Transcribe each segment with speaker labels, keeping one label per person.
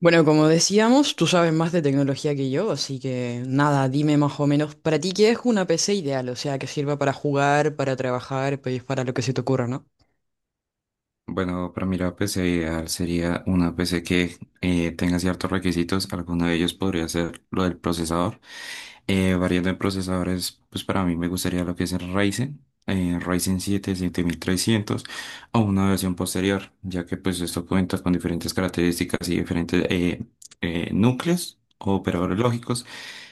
Speaker 1: Bueno, como decíamos, tú sabes más de tecnología que yo, así que nada, dime más o menos, para ti, ¿qué es una PC ideal? O sea, que sirva para jugar, para trabajar, pues para lo que se te ocurra, ¿no?
Speaker 2: Bueno, para mí la PC ideal sería una PC que tenga ciertos requisitos. Alguno de ellos podría ser lo del procesador. Variando en procesadores, pues para mí me gustaría lo que es el Ryzen, Ryzen 7, 7300 o una versión posterior, ya que pues esto cuenta con diferentes características y diferentes núcleos o operadores lógicos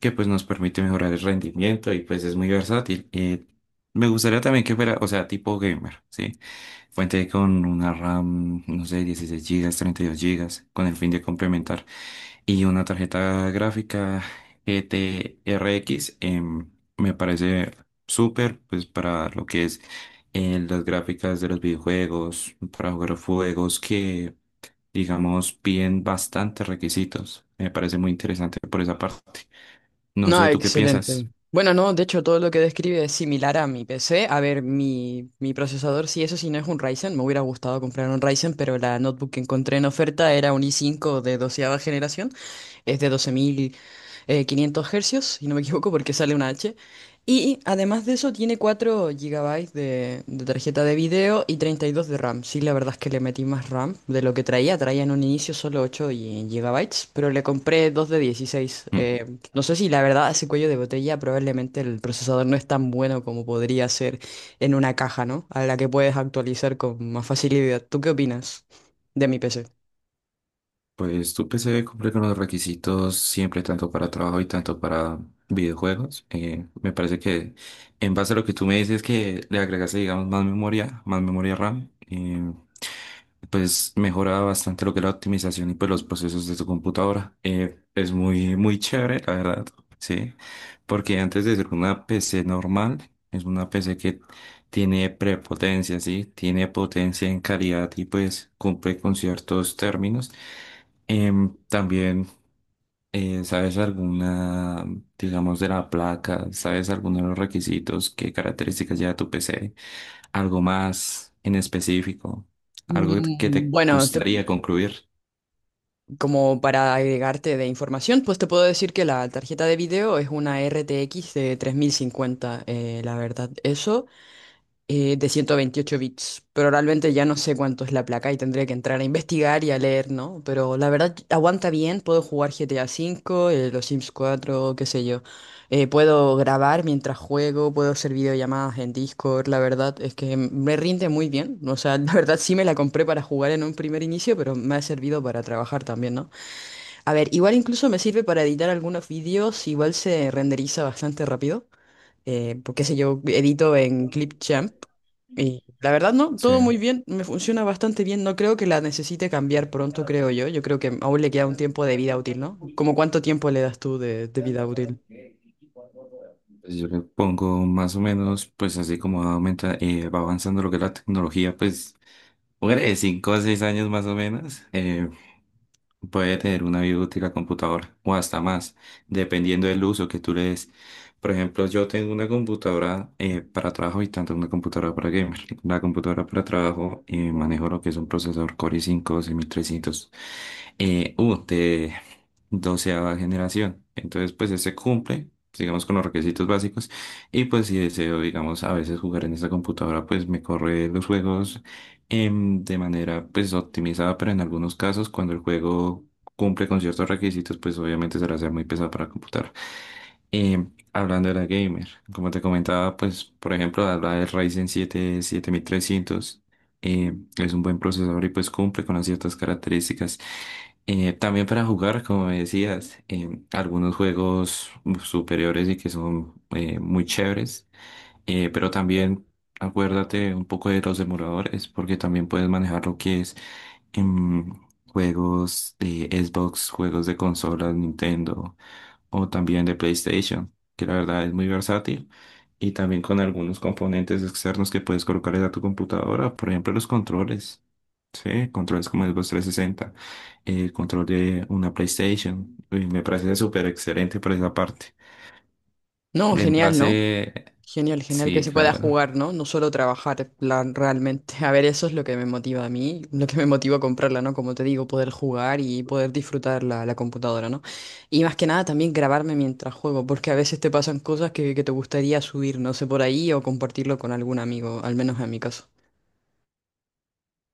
Speaker 2: que pues nos permite mejorar el rendimiento y pues es muy versátil. Me gustaría también que fuera, o sea, tipo gamer, ¿sí? Fuente con una RAM, no sé, 16 gigas, 32 gigas, con el fin de complementar. Y una tarjeta gráfica G t GTRX, me parece súper, pues para lo que es las gráficas de los videojuegos, para jugar juegos que, digamos, piden bastantes requisitos. Me parece muy interesante por esa parte. No
Speaker 1: No,
Speaker 2: sé, ¿tú qué
Speaker 1: excelente.
Speaker 2: piensas?
Speaker 1: Bueno, no, de hecho, todo lo que describe es similar a mi PC. A ver, mi procesador, sí, eso sí, no es un Ryzen. Me hubiera gustado comprar un Ryzen, pero la notebook que encontré en oferta era un i5 de doceava generación. Es de doce mil quinientos hercios, si no me equivoco, porque sale una H. Y además de eso tiene 4 GB de tarjeta de video y 32 de RAM. Sí, la verdad es que le metí más RAM de lo que traía. Traía en un inicio solo 8 y- GB, pero le compré 2 de 16.
Speaker 2: Hmm.
Speaker 1: No sé si la verdad a ese cuello de botella, probablemente el procesador no es tan bueno como podría ser en una caja, ¿no? A la que puedes actualizar con más facilidad. ¿Tú qué opinas de mi PC?
Speaker 2: Pues tu PC cumple con los requisitos siempre, tanto para trabajo y tanto para videojuegos. Me parece que, en base a lo que tú me dices que le agregaste, digamos, más memoria RAM, pues mejora bastante lo que es la optimización y pues los procesos de tu computadora. Es muy, muy chévere, la verdad, sí, porque antes de ser una PC normal, es una PC que tiene prepotencia, sí, tiene potencia en calidad y pues cumple con ciertos términos. También, ¿sabes alguna, digamos, de la placa? ¿Sabes alguno de los requisitos? ¿Qué características lleva tu PC, algo más en específico, algo que
Speaker 1: Mm,
Speaker 2: te
Speaker 1: Bueno, te-
Speaker 2: gustaría concluir?
Speaker 1: Como para agregarte de información, pues te puedo decir que la tarjeta de video es una RTX de 3050, la verdad, eso, de 128 bits. Pero realmente ya no sé cuánto es la placa y tendré que entrar a investigar y a leer, ¿no? Pero la verdad, aguanta bien, puedo jugar GTA cinco, los Sims cuatro, qué sé yo. Puedo grabar mientras juego, puedo hacer videollamadas en Discord, la verdad es que me rinde muy bien. O sea, la verdad sí me la compré para jugar en un primer inicio, pero me ha servido para trabajar también, ¿no? A ver, igual incluso me sirve para editar algunos vídeos, igual se renderiza bastante rápido, porque sé yo, edito en Clipchamp y la verdad no,
Speaker 2: Sí.
Speaker 1: todo muy bien, me funciona bastante bien, no creo que la necesite cambiar pronto, creo yo, yo creo que aún le queda un tiempo de vida útil, ¿no? ¿Cómo cuánto tiempo le das tú de vida útil?
Speaker 2: Pues yo le pongo más o menos, pues así como aumenta, va avanzando lo que es la tecnología, pues, hombre, de 5 a 6 años más o menos. Puede tener una vida útil la computadora o hasta más, dependiendo del uso que tú le des. Por ejemplo, yo tengo una computadora para trabajo y tanto una computadora para gamer. La computadora para trabajo, manejo lo que es un procesador Core i5 6300 U de 12.ª generación. Entonces, pues ese cumple, digamos, con los requisitos básicos. Y pues si deseo, digamos, a veces jugar en esa computadora, pues me corre los juegos de manera pues optimizada, pero en algunos casos cuando el juego cumple con ciertos requisitos, pues obviamente será ser muy pesado para computar. Hablando de la gamer, como te comentaba, pues por ejemplo, habla del Ryzen 7 7300, es un buen procesador y pues cumple con las ciertas características. También para jugar, como me decías, em, algunos juegos superiores y que son muy chéveres. Pero también acuérdate un poco de los demoradores, porque también puedes manejar lo que es em, juegos de Xbox, juegos de consolas, Nintendo o también de PlayStation, que la verdad es muy versátil. Y también con algunos componentes externos que puedes colocarle a tu computadora, por ejemplo, los controles. Sí, controles como el Xbox 360, el control de una PlayStation, y me parece súper excelente por esa parte.
Speaker 1: No,
Speaker 2: En
Speaker 1: genial,
Speaker 2: base,
Speaker 1: ¿no? Genial, genial que
Speaker 2: sí,
Speaker 1: se pueda
Speaker 2: claro.
Speaker 1: jugar, ¿no? No solo trabajar, en plan, realmente. A ver, eso es lo que me motiva a mí, lo que me motiva a comprarla, ¿no? Como te digo, poder jugar y poder disfrutar la computadora, ¿no? Y más que nada también grabarme mientras juego, porque a veces te pasan cosas que te gustaría subir, no sé, por ahí o compartirlo con algún amigo, al menos en mi caso.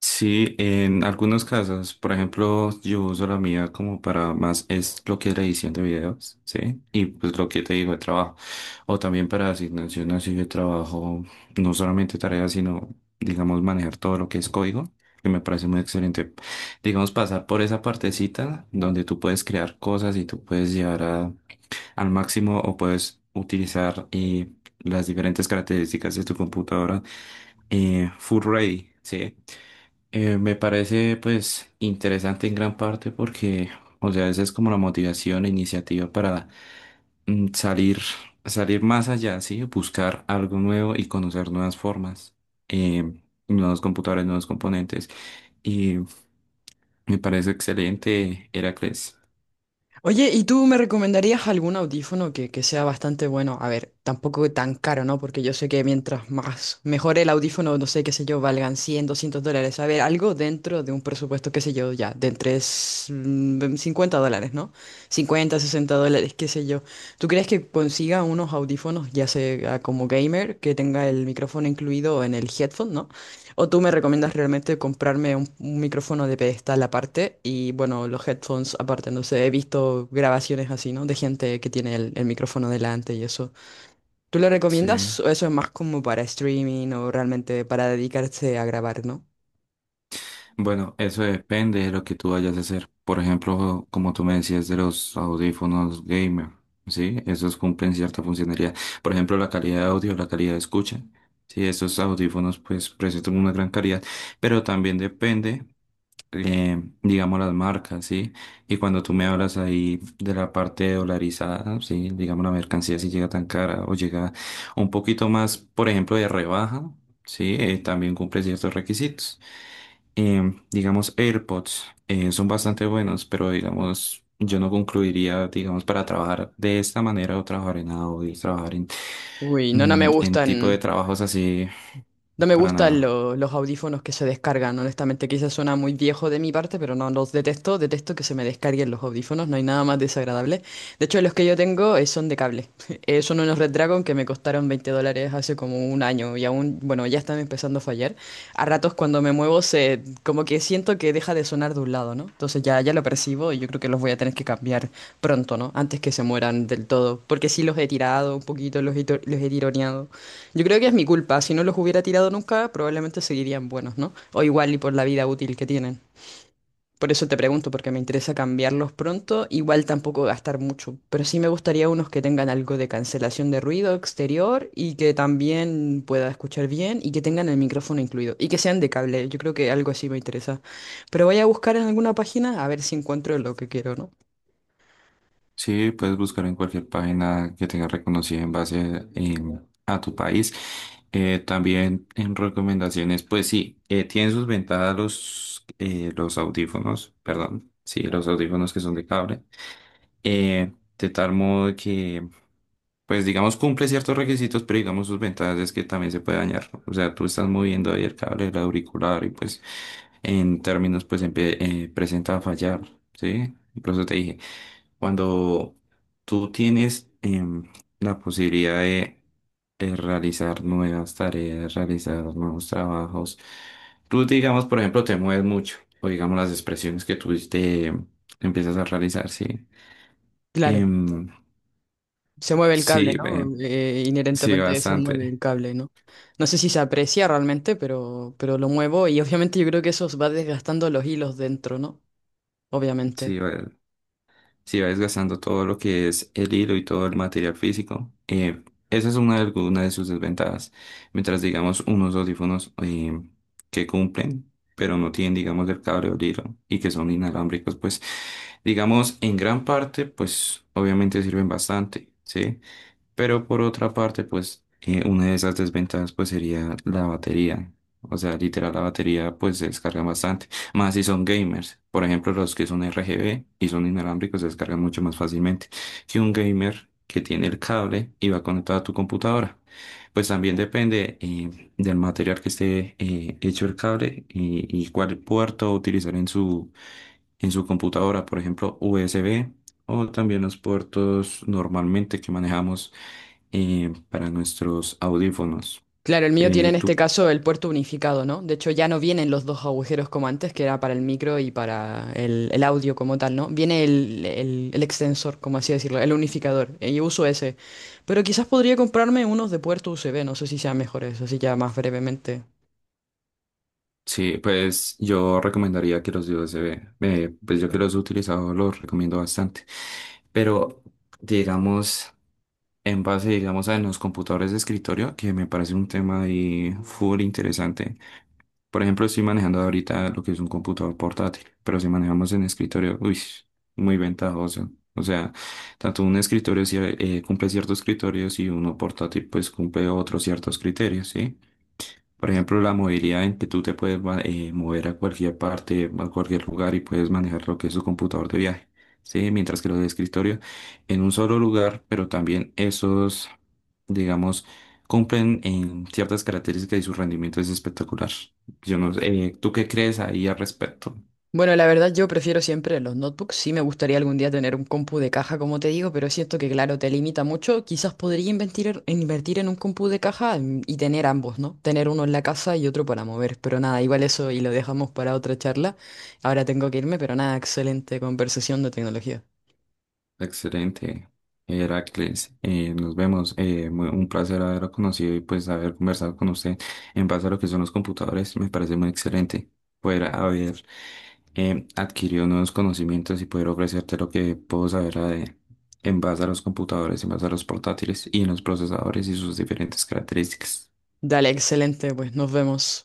Speaker 2: Sí, en algunos casos, por ejemplo, yo uso la mía como para más, es lo que es la edición de videos, ¿sí? Y pues lo que te digo de trabajo. O también para asignación así de trabajo, no solamente tareas, sino, digamos, manejar todo lo que es código, que me parece muy excelente. Digamos, pasar por esa partecita donde tú puedes crear cosas y tú puedes llevar a- al máximo o puedes utilizar las diferentes características de tu computadora, full ready, ¿sí? Me parece pues interesante en gran parte porque, o sea, esa es como la motivación, la iniciativa para, mm, salir, salir más allá, ¿sí? Buscar algo nuevo y conocer nuevas formas, eh, nuevos computadores, nuevos componentes. Y me parece excelente, Heracles.
Speaker 1: Oye, ¿y tú me recomendarías algún audífono que sea bastante bueno? A ver, tampoco tan caro, ¿no? Porque yo sé que mientras más mejor el audífono, no sé, qué sé yo, valgan $100, $200. A ver, algo dentro de un presupuesto, qué sé yo, ya, de entre $50, ¿no? $50, $60, qué sé yo. ¿Tú crees que consiga unos audífonos, ya sea como gamer, que tenga el micrófono incluido en el headphone, ¿no? O tú me recomiendas realmente comprarme un micrófono de pedestal aparte y bueno, los headphones aparte. No sé, he visto grabaciones así, ¿no? De gente que tiene el micrófono delante y eso. ¿Tú lo
Speaker 2: Sí.
Speaker 1: recomiendas o eso es más como para streaming o realmente para dedicarse a grabar, ¿no?
Speaker 2: Bueno, eso depende de lo que tú vayas a hacer. Por ejemplo, como tú me decías de los audífonos gamer, ¿sí? Esos cumplen cierta funcionalidad. Por ejemplo, la calidad de audio, la calidad de escucha. Sí, esos audífonos pues presentan una gran calidad, pero también depende, digamos, las marcas, ¿sí? Y cuando tú me hablas ahí de la parte dolarizada, ¿sí? Digamos, la mercancía si llega tan cara o llega un poquito más, por ejemplo, de rebaja, ¿sí? También cumple ciertos requisitos. Digamos, AirPods son bastante buenos, pero digamos, yo no concluiría, digamos, para trabajar de esta manera o trabajar en audio, trabajar en,
Speaker 1: Uy, no, no me
Speaker 2: en tipo de
Speaker 1: gustan.
Speaker 2: trabajos así,
Speaker 1: No me
Speaker 2: para
Speaker 1: gustan
Speaker 2: nada.
Speaker 1: los audífonos que se descargan, honestamente. Quizás suena muy viejo de mi parte, pero no los detesto. Detesto que se me descarguen los audífonos, no hay nada más desagradable. De hecho, los que yo tengo, son de cable. Son unos Red Dragon que me costaron $20 hace como un año y aún, bueno, ya están empezando a fallar. A ratos cuando me muevo, se, como que siento que deja de sonar de un lado, ¿no? Entonces ya, ya lo percibo y yo creo que los voy a tener que cambiar pronto, ¿no? Antes que se mueran del todo, porque sí los he tirado un poquito, los he, los he tironeado. Yo creo que es mi culpa. Si no los hubiera tirado nunca, probablemente seguirían buenos, ¿no? O igual y por la vida útil que tienen. Por eso te pregunto, porque me interesa cambiarlos pronto, igual tampoco gastar mucho, pero sí me gustaría unos que tengan algo de cancelación de ruido exterior y que también pueda escuchar bien y que tengan el micrófono incluido y que sean de cable, yo creo que algo así me interesa. Pero voy a buscar en alguna página a ver si encuentro lo que quiero, ¿no?
Speaker 2: Sí, puedes buscar en cualquier página que tenga reconocida en base, a tu país. También en recomendaciones, pues sí, tienen sus ventajas los audífonos, perdón, sí, los audífonos que son de cable. Eh, de tal modo que pues digamos cumple ciertos requisitos, pero digamos sus ventajas es que también se puede dañar. O sea, tú estás moviendo ahí el cable del auricular y pues en términos pues presenta a fallar, ¿sí? Y por eso te dije, cuando tú tienes, la posibilidad de realizar nuevas tareas, realizar nuevos trabajos, tú digamos, por ejemplo, te mueves mucho o digamos las expresiones que tú te empiezas a realizar, ¿sí?
Speaker 1: Claro,
Speaker 2: Em,
Speaker 1: se mueve el
Speaker 2: sí,
Speaker 1: cable, ¿no?
Speaker 2: sí,
Speaker 1: Inherentemente se mueve el
Speaker 2: bastante.
Speaker 1: cable, ¿no? No sé si se aprecia realmente, pero lo muevo y obviamente yo creo que eso os va desgastando los hilos dentro, ¿no? Obviamente.
Speaker 2: Sí, va, sí va desgastando todo lo que es el hilo y todo el material físico. Esa es una de, alguna de sus desventajas. Mientras, digamos, unos audífonos que cumplen, pero no tienen, digamos, el cable o el hilo y que son inalámbricos, pues, digamos, en gran parte, pues, obviamente sirven bastante, ¿sí? Pero por otra parte, pues una de esas desventajas pues sería la batería. O sea, literal la batería pues se descarga bastante. Más si son gamers. Por ejemplo, los que son RGB y son inalámbricos se descargan mucho más fácilmente que un gamer que tiene el cable y va conectado a tu computadora. Pues también depende del material que esté hecho el cable y cuál puerto utilizar en su computadora. Por ejemplo, USB o también los puertos normalmente que manejamos para nuestros audífonos.
Speaker 1: Claro, el mío tiene
Speaker 2: Eh,
Speaker 1: en este
Speaker 2: tú,
Speaker 1: caso el puerto unificado, ¿no? De hecho, ya no vienen los dos agujeros como antes, que era para el micro y para el audio como tal, ¿no? Viene el extensor, como así decirlo, el unificador. Y uso ese. Pero quizás podría comprarme unos de puerto USB, no sé si sean mejores, así ya más brevemente.
Speaker 2: sí, pues yo recomendaría que los de USB, pues yo que los he utilizado los recomiendo bastante. Pero digamos, en base, digamos, a los computadores de escritorio, que me parece un tema ahí full interesante. Por ejemplo, estoy manejando ahorita lo que es un computador portátil, pero si manejamos en escritorio, uy, muy ventajoso. O sea, tanto un escritorio sí, cumple ciertos criterios y uno portátil pues cumple otros ciertos criterios, ¿sí? Por ejemplo, la movilidad en que tú te puedes mover a cualquier parte, a cualquier lugar y puedes manejar lo que es tu computador de viaje, ¿sí? Mientras que los de escritorio en un solo lugar, pero también esos, digamos, cumplen en ciertas características y su rendimiento es espectacular. Yo no sé, ¿tú qué crees ahí al respecto?
Speaker 1: Bueno, la verdad yo prefiero siempre los notebooks. Sí me gustaría algún día tener un compu de caja, como te digo, pero siento que, claro, te limita mucho. Quizás podría invertir, invertir en un compu de caja, y tener ambos, ¿no? Tener uno en la casa y otro para mover. Pero nada, igual eso y lo dejamos para otra charla. Ahora tengo que irme, pero nada, excelente conversación de tecnología.
Speaker 2: Excelente, Heracles. Nos vemos. Un placer haberlo conocido y pues haber conversado con usted en base a lo que son los computadores. Me parece muy excelente poder haber adquirido nuevos conocimientos y poder ofrecerte lo que puedo saber a de- en base a los computadores, en base a los portátiles y en los procesadores y sus diferentes características.
Speaker 1: Dale, excelente, pues nos vemos.